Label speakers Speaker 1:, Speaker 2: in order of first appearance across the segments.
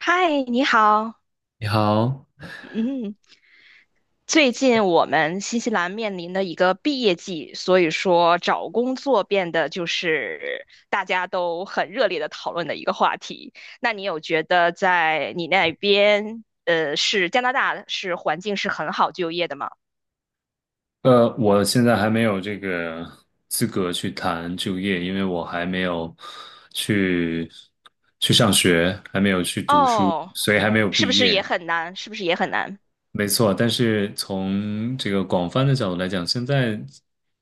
Speaker 1: 嗨，你好。
Speaker 2: 你好。
Speaker 1: 嗯，最近我们新西兰面临的一个毕业季，所以说找工作变得就是大家都很热烈的讨论的一个话题。那你有觉得在你那边，是加拿大是环境是很好就业的吗？
Speaker 2: 我现在还没有这个资格去谈就业，因为我还没有去去上学，还没有去读书，
Speaker 1: 哦，
Speaker 2: 所以还没有
Speaker 1: 是不
Speaker 2: 毕
Speaker 1: 是也
Speaker 2: 业。
Speaker 1: 很难？是不是也很难？
Speaker 2: 没错，但是从这个广泛的角度来讲，现在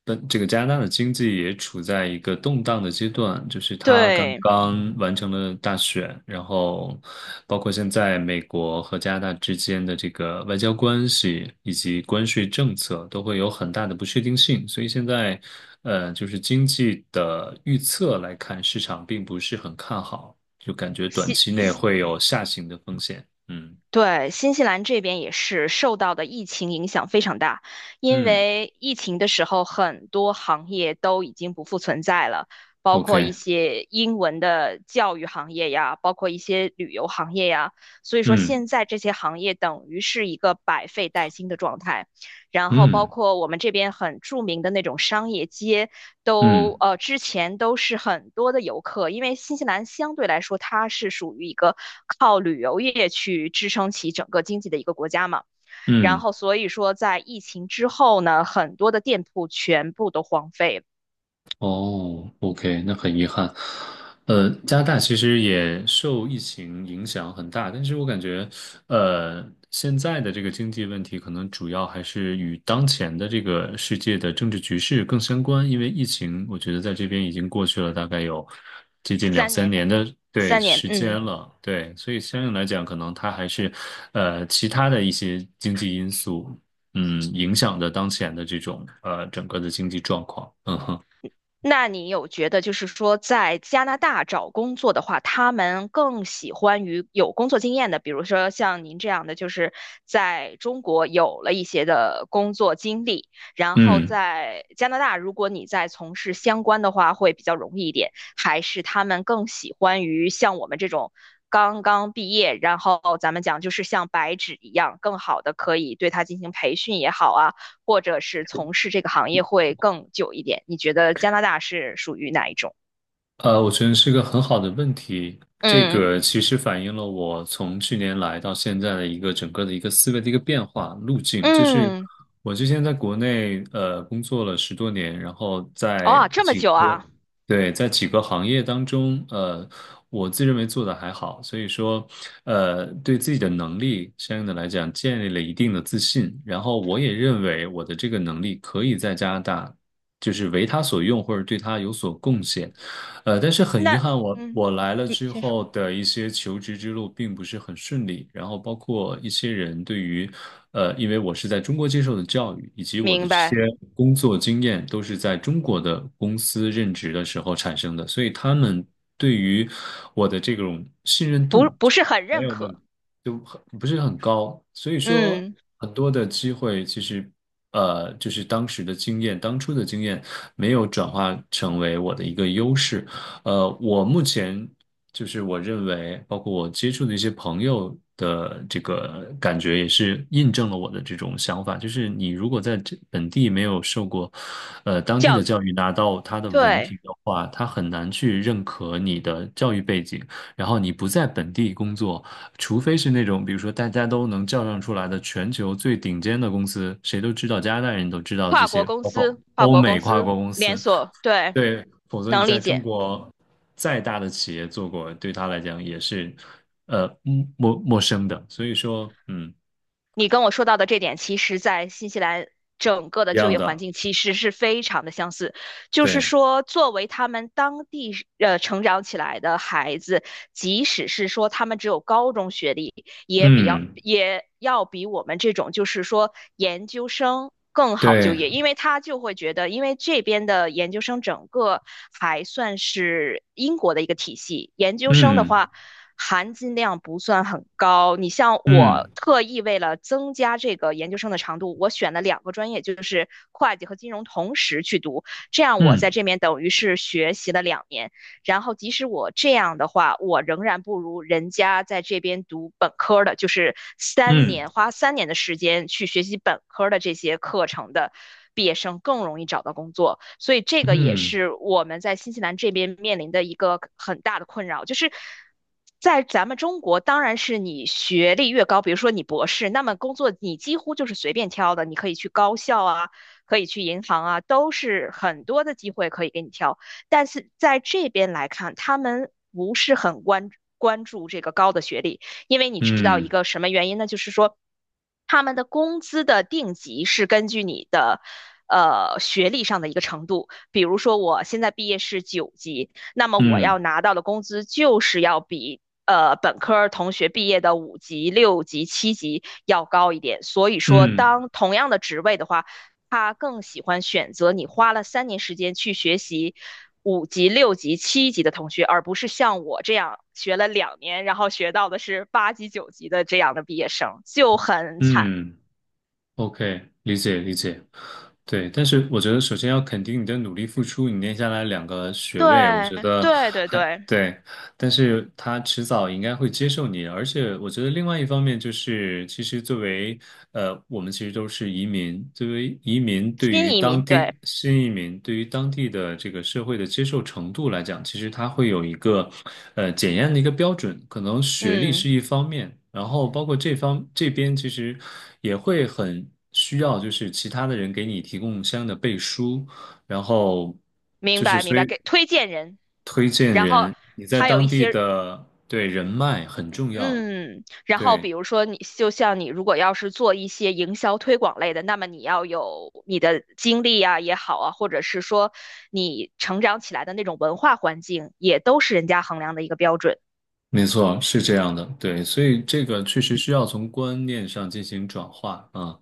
Speaker 2: 的这个加拿大的经济也处在一个动荡的阶段，就是它刚
Speaker 1: 对。
Speaker 2: 刚完成了大选，然后包括现在美国和加拿大之间的这个外交关系以及关税政策都会有很大的不确定性，所以现在就是经济的预测来看，市场并不是很看好，就感觉短
Speaker 1: 西
Speaker 2: 期内会有下行的风险。嗯
Speaker 1: 对，新西兰这边也是受到的疫情影响非常大，因
Speaker 2: 嗯
Speaker 1: 为疫情的时候，很多行业都已经不复存在了，包括一
Speaker 2: ，OK。
Speaker 1: 些英文的教育行业呀，包括一些旅游行业呀，所以说
Speaker 2: 嗯
Speaker 1: 现在这些行业等于是一个百废待兴的状态。然后包
Speaker 2: 嗯
Speaker 1: 括我们这边很著名的那种商业街都，都
Speaker 2: 嗯
Speaker 1: 呃之前都是很多的游客，因为新西兰相对来说它是属于一个靠旅游业去支撑起整个经济的一个国家嘛，然
Speaker 2: 嗯
Speaker 1: 后所以说在疫情之后呢，很多的店铺全部都荒废了。
Speaker 2: 哦，OK，那很遗憾。加拿大其实也受疫情影响很大，但是我感觉，呃，现在的这个经济问题可能主要还是与当前的这个世界的政治局势更相关，因为疫情，我觉得在这边已经过去了大概有接近两
Speaker 1: 三
Speaker 2: 三
Speaker 1: 年，
Speaker 2: 年的，对，
Speaker 1: 三年，
Speaker 2: 时
Speaker 1: 嗯。
Speaker 2: 间了，对，所以相应来讲，可能它还是其他的一些经济因素，嗯，影响的当前的这种整个的经济状况，嗯哼。
Speaker 1: 那你有觉得，就是说，在加拿大找工作的话，他们更喜欢于有工作经验的，比如说像您这样的，就是在中国有了一些的工作经历，然后
Speaker 2: 嗯。
Speaker 1: 在加拿大，如果你在从事相关的话，会比较容易一点，还是他们更喜欢于像我们这种刚刚毕业，然后咱们讲就是像白纸一样，更好的可以对他进行培训也好啊。或者是从事这个行业会更久一点？你觉得加拿大是属于哪一种？
Speaker 2: 我觉得是个很好的问题。这
Speaker 1: 嗯
Speaker 2: 个其实反映了我从去年来到现在的一个整个的一个思维的一个变化路径。就是
Speaker 1: 嗯，
Speaker 2: 我之前在国内工作了10多年，然后在
Speaker 1: 哦，这么
Speaker 2: 几
Speaker 1: 久
Speaker 2: 个，
Speaker 1: 啊？
Speaker 2: 对，在几个行业当中，我自认为做的还好，所以说对自己的能力相应的来讲建立了一定的自信。然后我也认为我的这个能力可以在加拿大，就是为他所用，或者对他有所贡献。但是很遗
Speaker 1: 那
Speaker 2: 憾，我，
Speaker 1: 嗯，
Speaker 2: 我来了
Speaker 1: 你
Speaker 2: 之
Speaker 1: 先说，
Speaker 2: 后的一些求职之路并不是很顺利，然后包括一些人对于，因为我是在中国接受的教育，以及我的
Speaker 1: 明
Speaker 2: 这些
Speaker 1: 白，
Speaker 2: 工作经验都是在中国的公司任职的时候产生的，所以他们对于我的这种信任
Speaker 1: 不
Speaker 2: 度
Speaker 1: 不
Speaker 2: 就
Speaker 1: 是很
Speaker 2: 没
Speaker 1: 认
Speaker 2: 有那么，
Speaker 1: 可。
Speaker 2: 就很不是很高，所以说
Speaker 1: 嗯，
Speaker 2: 很多的机会其实。就是当时的经验，当初的经验没有转化成为我的一个优势。我目前就是我认为，包括我接触的一些朋友的这个感觉，也是印证了我的这种想法。就是你如果在这本地没有受过，当地的
Speaker 1: 教育，
Speaker 2: 教育，拿到他的文
Speaker 1: 对，
Speaker 2: 凭的话，他很难去认可你的教育背景。然后你不在本地工作，除非是那种比如说大家都能叫上出来的全球最顶尖的公司，谁都知道，加拿大人都知道这
Speaker 1: 跨国
Speaker 2: 些，
Speaker 1: 公
Speaker 2: 包括
Speaker 1: 司，跨
Speaker 2: 欧
Speaker 1: 国公
Speaker 2: 美跨
Speaker 1: 司
Speaker 2: 国公
Speaker 1: 连
Speaker 2: 司。
Speaker 1: 锁，对，
Speaker 2: 对，否则你
Speaker 1: 能理
Speaker 2: 在中
Speaker 1: 解。
Speaker 2: 国再大的企业做过，对他来讲也是呃陌生的。所以说，嗯，
Speaker 1: 你跟我说到的这点，其实在新西兰整个的
Speaker 2: 一
Speaker 1: 就
Speaker 2: 样
Speaker 1: 业环
Speaker 2: 的，
Speaker 1: 境其实是非常的相似。就是
Speaker 2: 对，
Speaker 1: 说，作为他们当地成长起来的孩子，即使是说他们只有高中学历，也比较
Speaker 2: 嗯，
Speaker 1: 也要比我们这种就是说研究生更好就
Speaker 2: 对，
Speaker 1: 业，因为他就会觉得，因为这边的研究生整个还算是英国的一个体系，研究生的
Speaker 2: 嗯，
Speaker 1: 话。含金量不算很高。你像
Speaker 2: 嗯，
Speaker 1: 我特意为了增加这个研究生的长度，我选了两个专业，就是会计和金融同时去读，这样我在
Speaker 2: 嗯，
Speaker 1: 这边等于是学习了两年。然后即使我这样的话，我仍然不如人家在这边读本科的，就是三
Speaker 2: 嗯，
Speaker 1: 年花三年的时间去学习本科的这些课程的。毕业生更容易找到工作，所以这个也
Speaker 2: 嗯，
Speaker 1: 是我们在新西兰这边面临的一个很大的困扰，就是在咱们中国，当然是你学历越高，比如说你博士，那么工作你几乎就是随便挑的，你可以去高校啊，可以去银行啊，都是很多的机会可以给你挑。但是在这边来看，他们不是很关注这个高的学历，因为你知道一
Speaker 2: 嗯，
Speaker 1: 个什么原因呢？就是说他们的工资的定级是根据你的。学历上的一个程度，比如说我现在毕业是九级，那么我
Speaker 2: 嗯，
Speaker 1: 要拿到的工资就是要比本科同学毕业的五级、六级、七级要高一点。所以说，
Speaker 2: 嗯，
Speaker 1: 当同样的职位的话，他更喜欢选择你花了三年时间去学习五级、六级、七级的同学，而不是像我这样学了两年，然后学到的是八级、九级的这样的毕业生，就很惨。
Speaker 2: 嗯，OK，理解理解。对，但是我觉得首先要肯定你的努力付出，你念下来2个学位，我
Speaker 1: 对，
Speaker 2: 觉得
Speaker 1: 对，对，
Speaker 2: 还
Speaker 1: 对，
Speaker 2: 对。但是他迟早应该会接受你，而且我觉得另外一方面就是，其实作为我们其实都是移民，作为移民对
Speaker 1: 新
Speaker 2: 于
Speaker 1: 移
Speaker 2: 当
Speaker 1: 民，对，
Speaker 2: 地新移民对于当地的这个社会的接受程度来讲，其实它会有一个检验的一个标准，可能学历是
Speaker 1: 嗯，
Speaker 2: 一方面，然后包括这方这边其实也会很需要，就是其他的人给你提供相应的背书，然后
Speaker 1: 明
Speaker 2: 就是
Speaker 1: 白，明
Speaker 2: 所
Speaker 1: 白，
Speaker 2: 以。
Speaker 1: 给推荐人，然后
Speaker 2: 你在
Speaker 1: 还有一
Speaker 2: 当地
Speaker 1: 些
Speaker 2: 的，对，人脉很重要，
Speaker 1: 嗯，然后比
Speaker 2: 对，
Speaker 1: 如说你，就像你如果要是做一些营销推广类的，那么你要有你的经历啊也好啊，或者是说你成长起来的那种文化环境，也都是人家衡量的一个标准。
Speaker 2: 没错，是这样的，对，所以这个确实需要从观念上进行转化啊。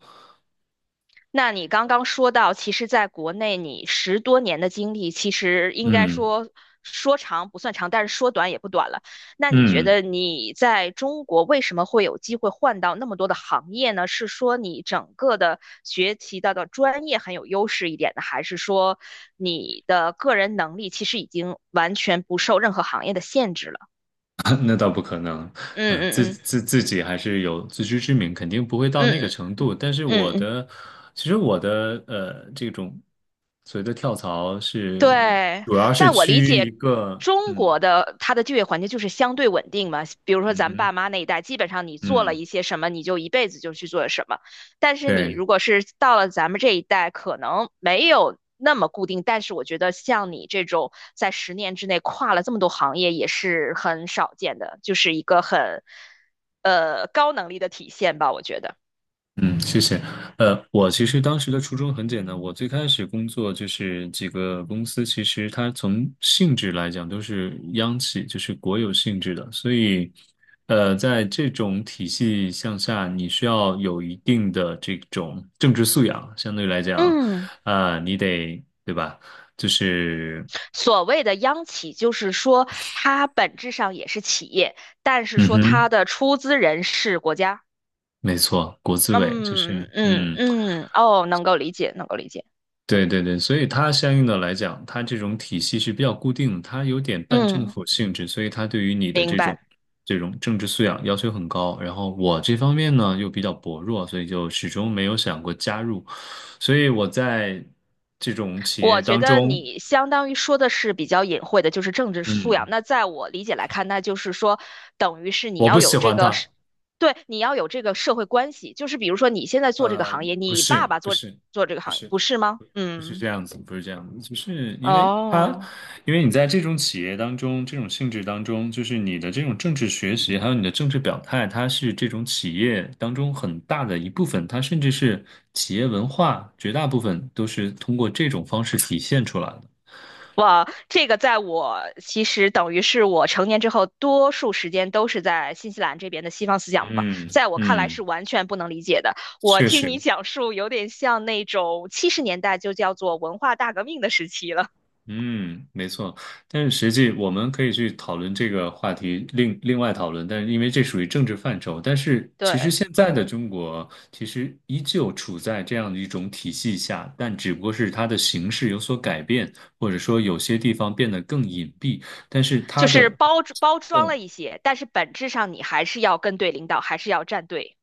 Speaker 1: 那你刚刚说到，其实在国内你十多年的经历，其实应该
Speaker 2: 嗯
Speaker 1: 说说长不算长，但是说短也不短了。那你觉
Speaker 2: 嗯，
Speaker 1: 得你在中国为什么会有机会换到那么多的行业呢？是说你整个的学习到的专业很有优势一点呢，还是说你的个人能力其实已经完全不受任何行业的限制了？
Speaker 2: 那倒不可能。
Speaker 1: 嗯
Speaker 2: 嗯，自
Speaker 1: 嗯嗯
Speaker 2: 自自己还是有自知之明，肯定不会到
Speaker 1: 嗯
Speaker 2: 那个
Speaker 1: 嗯
Speaker 2: 程度。但是我
Speaker 1: 嗯嗯。
Speaker 2: 的，其实我的这种所谓的跳槽是，
Speaker 1: 对，
Speaker 2: 主要是
Speaker 1: 在我
Speaker 2: 趋
Speaker 1: 理
Speaker 2: 于一
Speaker 1: 解，
Speaker 2: 个，
Speaker 1: 中
Speaker 2: 嗯
Speaker 1: 国的它的就业环境就是相对稳定嘛。比如说
Speaker 2: 嗯
Speaker 1: 咱
Speaker 2: 哼，
Speaker 1: 爸妈那一代，基本上你做了
Speaker 2: 嗯，
Speaker 1: 一些什么，你就一辈子就去做什么。但是你
Speaker 2: 对。
Speaker 1: 如果是到了咱们这一代，可能没有那么固定。但是我觉得像你这种在十年之内跨了这么多行业，也是很少见的，就是一个很高能力的体现吧，我觉得。
Speaker 2: 嗯，谢谢。我其实当时的初衷很简单，我最开始工作就是几个公司，其实它从性质来讲都是央企，就是国有性质的，所以，在这种体系向下，你需要有一定的这种政治素养，相对来讲，
Speaker 1: 嗯。
Speaker 2: 啊、你得，对吧？就是，
Speaker 1: 所谓的央企，就是说它本质上也是企业，但是
Speaker 2: 嗯
Speaker 1: 说
Speaker 2: 哼，
Speaker 1: 它的出资人是国家。
Speaker 2: 没错，国资委就是，
Speaker 1: 嗯嗯
Speaker 2: 嗯。
Speaker 1: 嗯，哦，能够理解，能够理解。
Speaker 2: 对对对，所以它相应的来讲，它这种体系是比较固定，它有点半政
Speaker 1: 嗯，
Speaker 2: 府性质，所以它对于你的
Speaker 1: 明
Speaker 2: 这种
Speaker 1: 白。
Speaker 2: 这种政治素养要求很高。然后我这方面呢又比较薄弱，所以就始终没有想过加入。所以我在这种企业
Speaker 1: 我觉
Speaker 2: 当
Speaker 1: 得
Speaker 2: 中，
Speaker 1: 你相当于说的是比较隐晦的，就是政治素养。
Speaker 2: 嗯，
Speaker 1: 那在我理解来看，那就是说，等于是你
Speaker 2: 我不
Speaker 1: 要
Speaker 2: 喜
Speaker 1: 有这
Speaker 2: 欢
Speaker 1: 个
Speaker 2: 它。
Speaker 1: 是，对，你要有这个社会关系。就是比如说，你现在做这个
Speaker 2: 呃，
Speaker 1: 行业，
Speaker 2: 不
Speaker 1: 你爸
Speaker 2: 是，
Speaker 1: 爸
Speaker 2: 不是，
Speaker 1: 做这个
Speaker 2: 不
Speaker 1: 行业，
Speaker 2: 是，
Speaker 1: 不是吗？
Speaker 2: 不是
Speaker 1: 嗯，
Speaker 2: 这样子，不是这样子，就是因为它，
Speaker 1: 哦。
Speaker 2: 因为你在这种企业当中，这种性质当中，就是你的这种政治学习，还有你的政治表态，它是这种企业当中很大的一部分，它甚至是企业文化，绝大部分都是通过这种方式体现出来的。
Speaker 1: 哇，这个在我其实等于是我成年之后，多数时间都是在新西兰这边的西方思想嘛，
Speaker 2: 嗯
Speaker 1: 在我看来
Speaker 2: 嗯，
Speaker 1: 是完全不能理解的。我
Speaker 2: 确
Speaker 1: 听
Speaker 2: 实。
Speaker 1: 你讲述，有点像那种七十年代就叫做文化大革命的时期了。
Speaker 2: 嗯，没错，但是实际我们可以去讨论这个话题，另外讨论，但是因为这属于政治范畴，但是其实
Speaker 1: 对，
Speaker 2: 现在的中国其实依旧处在这样的一种体系下，但只不过是它的形式有所改变，或者说有些地方变得更隐蔽，但是它
Speaker 1: 就是
Speaker 2: 的。
Speaker 1: 包装了一些，但是本质上你还是要跟对领导，还是要站队。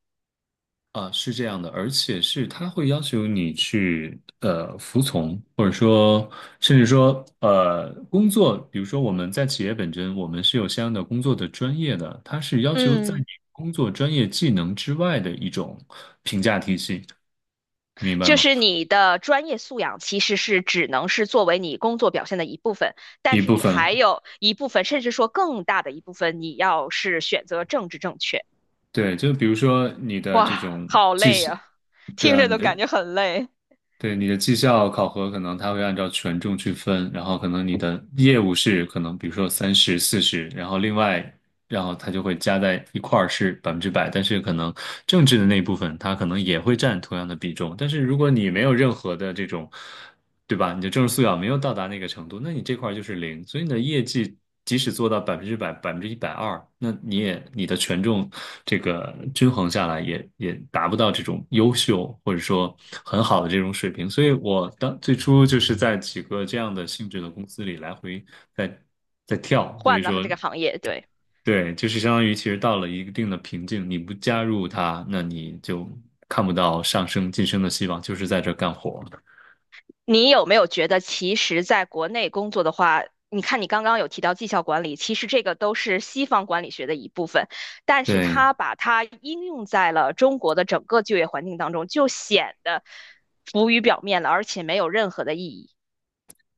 Speaker 2: 啊，是这样的，而且是他会要求你去服从，或者说甚至说工作，比如说我们在企业本身，我们是有相应的工作的专业的，它是要求在你
Speaker 1: 嗯。
Speaker 2: 工作专业技能之外的一种评价体系，明白
Speaker 1: 就
Speaker 2: 吗？
Speaker 1: 是你的专业素养其实是只能是作为你工作表现的一部分，
Speaker 2: 一
Speaker 1: 但是
Speaker 2: 部
Speaker 1: 你
Speaker 2: 分，
Speaker 1: 还有一部分，甚至说更大的一部分，你要是选择政治正确，
Speaker 2: 对，就比如说你的
Speaker 1: 哇，
Speaker 2: 这种
Speaker 1: 好
Speaker 2: 技，
Speaker 1: 累啊，
Speaker 2: 对
Speaker 1: 听
Speaker 2: 啊，
Speaker 1: 着
Speaker 2: 你
Speaker 1: 都感
Speaker 2: 的，
Speaker 1: 觉很累，
Speaker 2: 对，你的绩效考核可能它会按照权重去分，然后可能你的业务是可能比如说30、40，然后另外，然后它就会加在一块儿是百分之百，但是可能政治的那一部分它可能也会占同样的比重，但是如果你没有任何的这种，对吧？你的政治素养没有到达那个程度，那你这块儿就是零，所以你的业绩即使做到百分之百、120%，那你也你的权重这个均衡下来也达不到这种优秀或者说很好的这种水平。所以我当最初就是在几个这样的性质的公司里来回在在跳，所以
Speaker 1: 换了这
Speaker 2: 说
Speaker 1: 个行业，对。
Speaker 2: 对，就是相当于其实到了一定的瓶颈，你不加入它，那你就看不到上升晋升的希望，就是在这儿干活。
Speaker 1: 你有没有觉得，其实在国内工作的话，你看你刚刚有提到绩效管理，其实这个都是西方管理学的一部分，但是
Speaker 2: 对，
Speaker 1: 它把它应用在了中国的整个就业环境当中，就显得浮于表面了，而且没有任何的意义。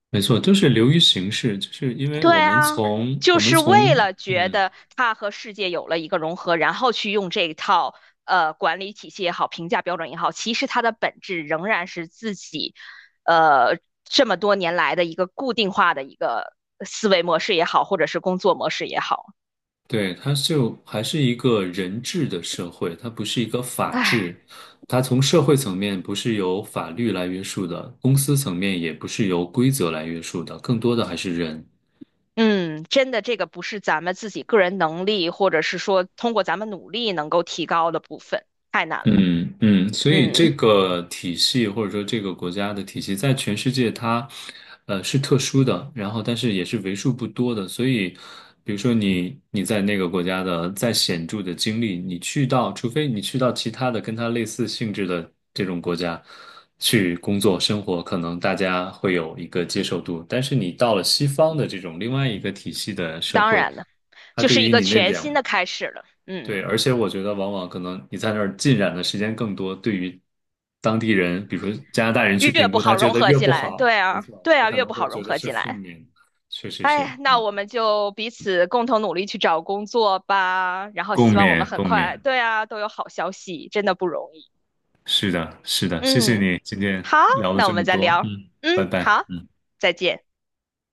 Speaker 2: 没错，就是流于形式，就是因为
Speaker 1: 对
Speaker 2: 我们
Speaker 1: 啊，
Speaker 2: 从我
Speaker 1: 就
Speaker 2: 们
Speaker 1: 是为
Speaker 2: 从
Speaker 1: 了觉
Speaker 2: 嗯，
Speaker 1: 得他和世界有了一个融合，然后去用这一套管理体系也好，评价标准也好，其实它的本质仍然是自己呃这么多年来的一个固定化的一个思维模式也好，或者是工作模式也好，
Speaker 2: 对，它就还是一个人治的社会，它不是一个法治，
Speaker 1: 唉。
Speaker 2: 它从社会层面不是由法律来约束的，公司层面也不是由规则来约束的，更多的还是人。
Speaker 1: 嗯，真的，这个不是咱们自己个人能力，或者是说通过咱们努力能够提高的部分，太难了。
Speaker 2: 嗯嗯，所以这
Speaker 1: 嗯，
Speaker 2: 个体系或者说这个国家的体系，在全世界它，是特殊的，然后但是也是为数不多的。所以，比如说你在那个国家的再显著的经历，你去到，除非你去到其他的跟它类似性质的这种国家去工作生活，可能大家会有一个接受度。但是你到了西方的这种另外一个体系的社
Speaker 1: 当
Speaker 2: 会，
Speaker 1: 然了，
Speaker 2: 它
Speaker 1: 就
Speaker 2: 对
Speaker 1: 是一
Speaker 2: 于
Speaker 1: 个
Speaker 2: 你那
Speaker 1: 全
Speaker 2: 两，
Speaker 1: 新的开始了。
Speaker 2: 对，
Speaker 1: 嗯。
Speaker 2: 而且我觉得往往可能你在那儿浸染的时间更多，对于当地人，比如说加拿大人去
Speaker 1: 越
Speaker 2: 评
Speaker 1: 不
Speaker 2: 估，他
Speaker 1: 好
Speaker 2: 觉
Speaker 1: 融
Speaker 2: 得
Speaker 1: 合
Speaker 2: 越
Speaker 1: 进
Speaker 2: 不
Speaker 1: 来，
Speaker 2: 好，
Speaker 1: 对
Speaker 2: 没
Speaker 1: 啊，
Speaker 2: 错，
Speaker 1: 对
Speaker 2: 他
Speaker 1: 啊，
Speaker 2: 可
Speaker 1: 越
Speaker 2: 能
Speaker 1: 不
Speaker 2: 会
Speaker 1: 好
Speaker 2: 觉
Speaker 1: 融
Speaker 2: 得
Speaker 1: 合
Speaker 2: 是
Speaker 1: 进
Speaker 2: 负
Speaker 1: 来。
Speaker 2: 面。确实是，
Speaker 1: 哎，那
Speaker 2: 嗯，
Speaker 1: 我们就彼此共同努力去找工作吧，然后
Speaker 2: 共
Speaker 1: 希望我们
Speaker 2: 勉
Speaker 1: 很
Speaker 2: 共勉，
Speaker 1: 快，对啊，都有好消息，真的不容易。
Speaker 2: 是的，是的，谢谢
Speaker 1: 嗯，
Speaker 2: 你今天
Speaker 1: 好，
Speaker 2: 聊了
Speaker 1: 那我
Speaker 2: 这么
Speaker 1: 们再
Speaker 2: 多，
Speaker 1: 聊。
Speaker 2: 嗯，拜
Speaker 1: 嗯，
Speaker 2: 拜。
Speaker 1: 好，
Speaker 2: 嗯。
Speaker 1: 再见。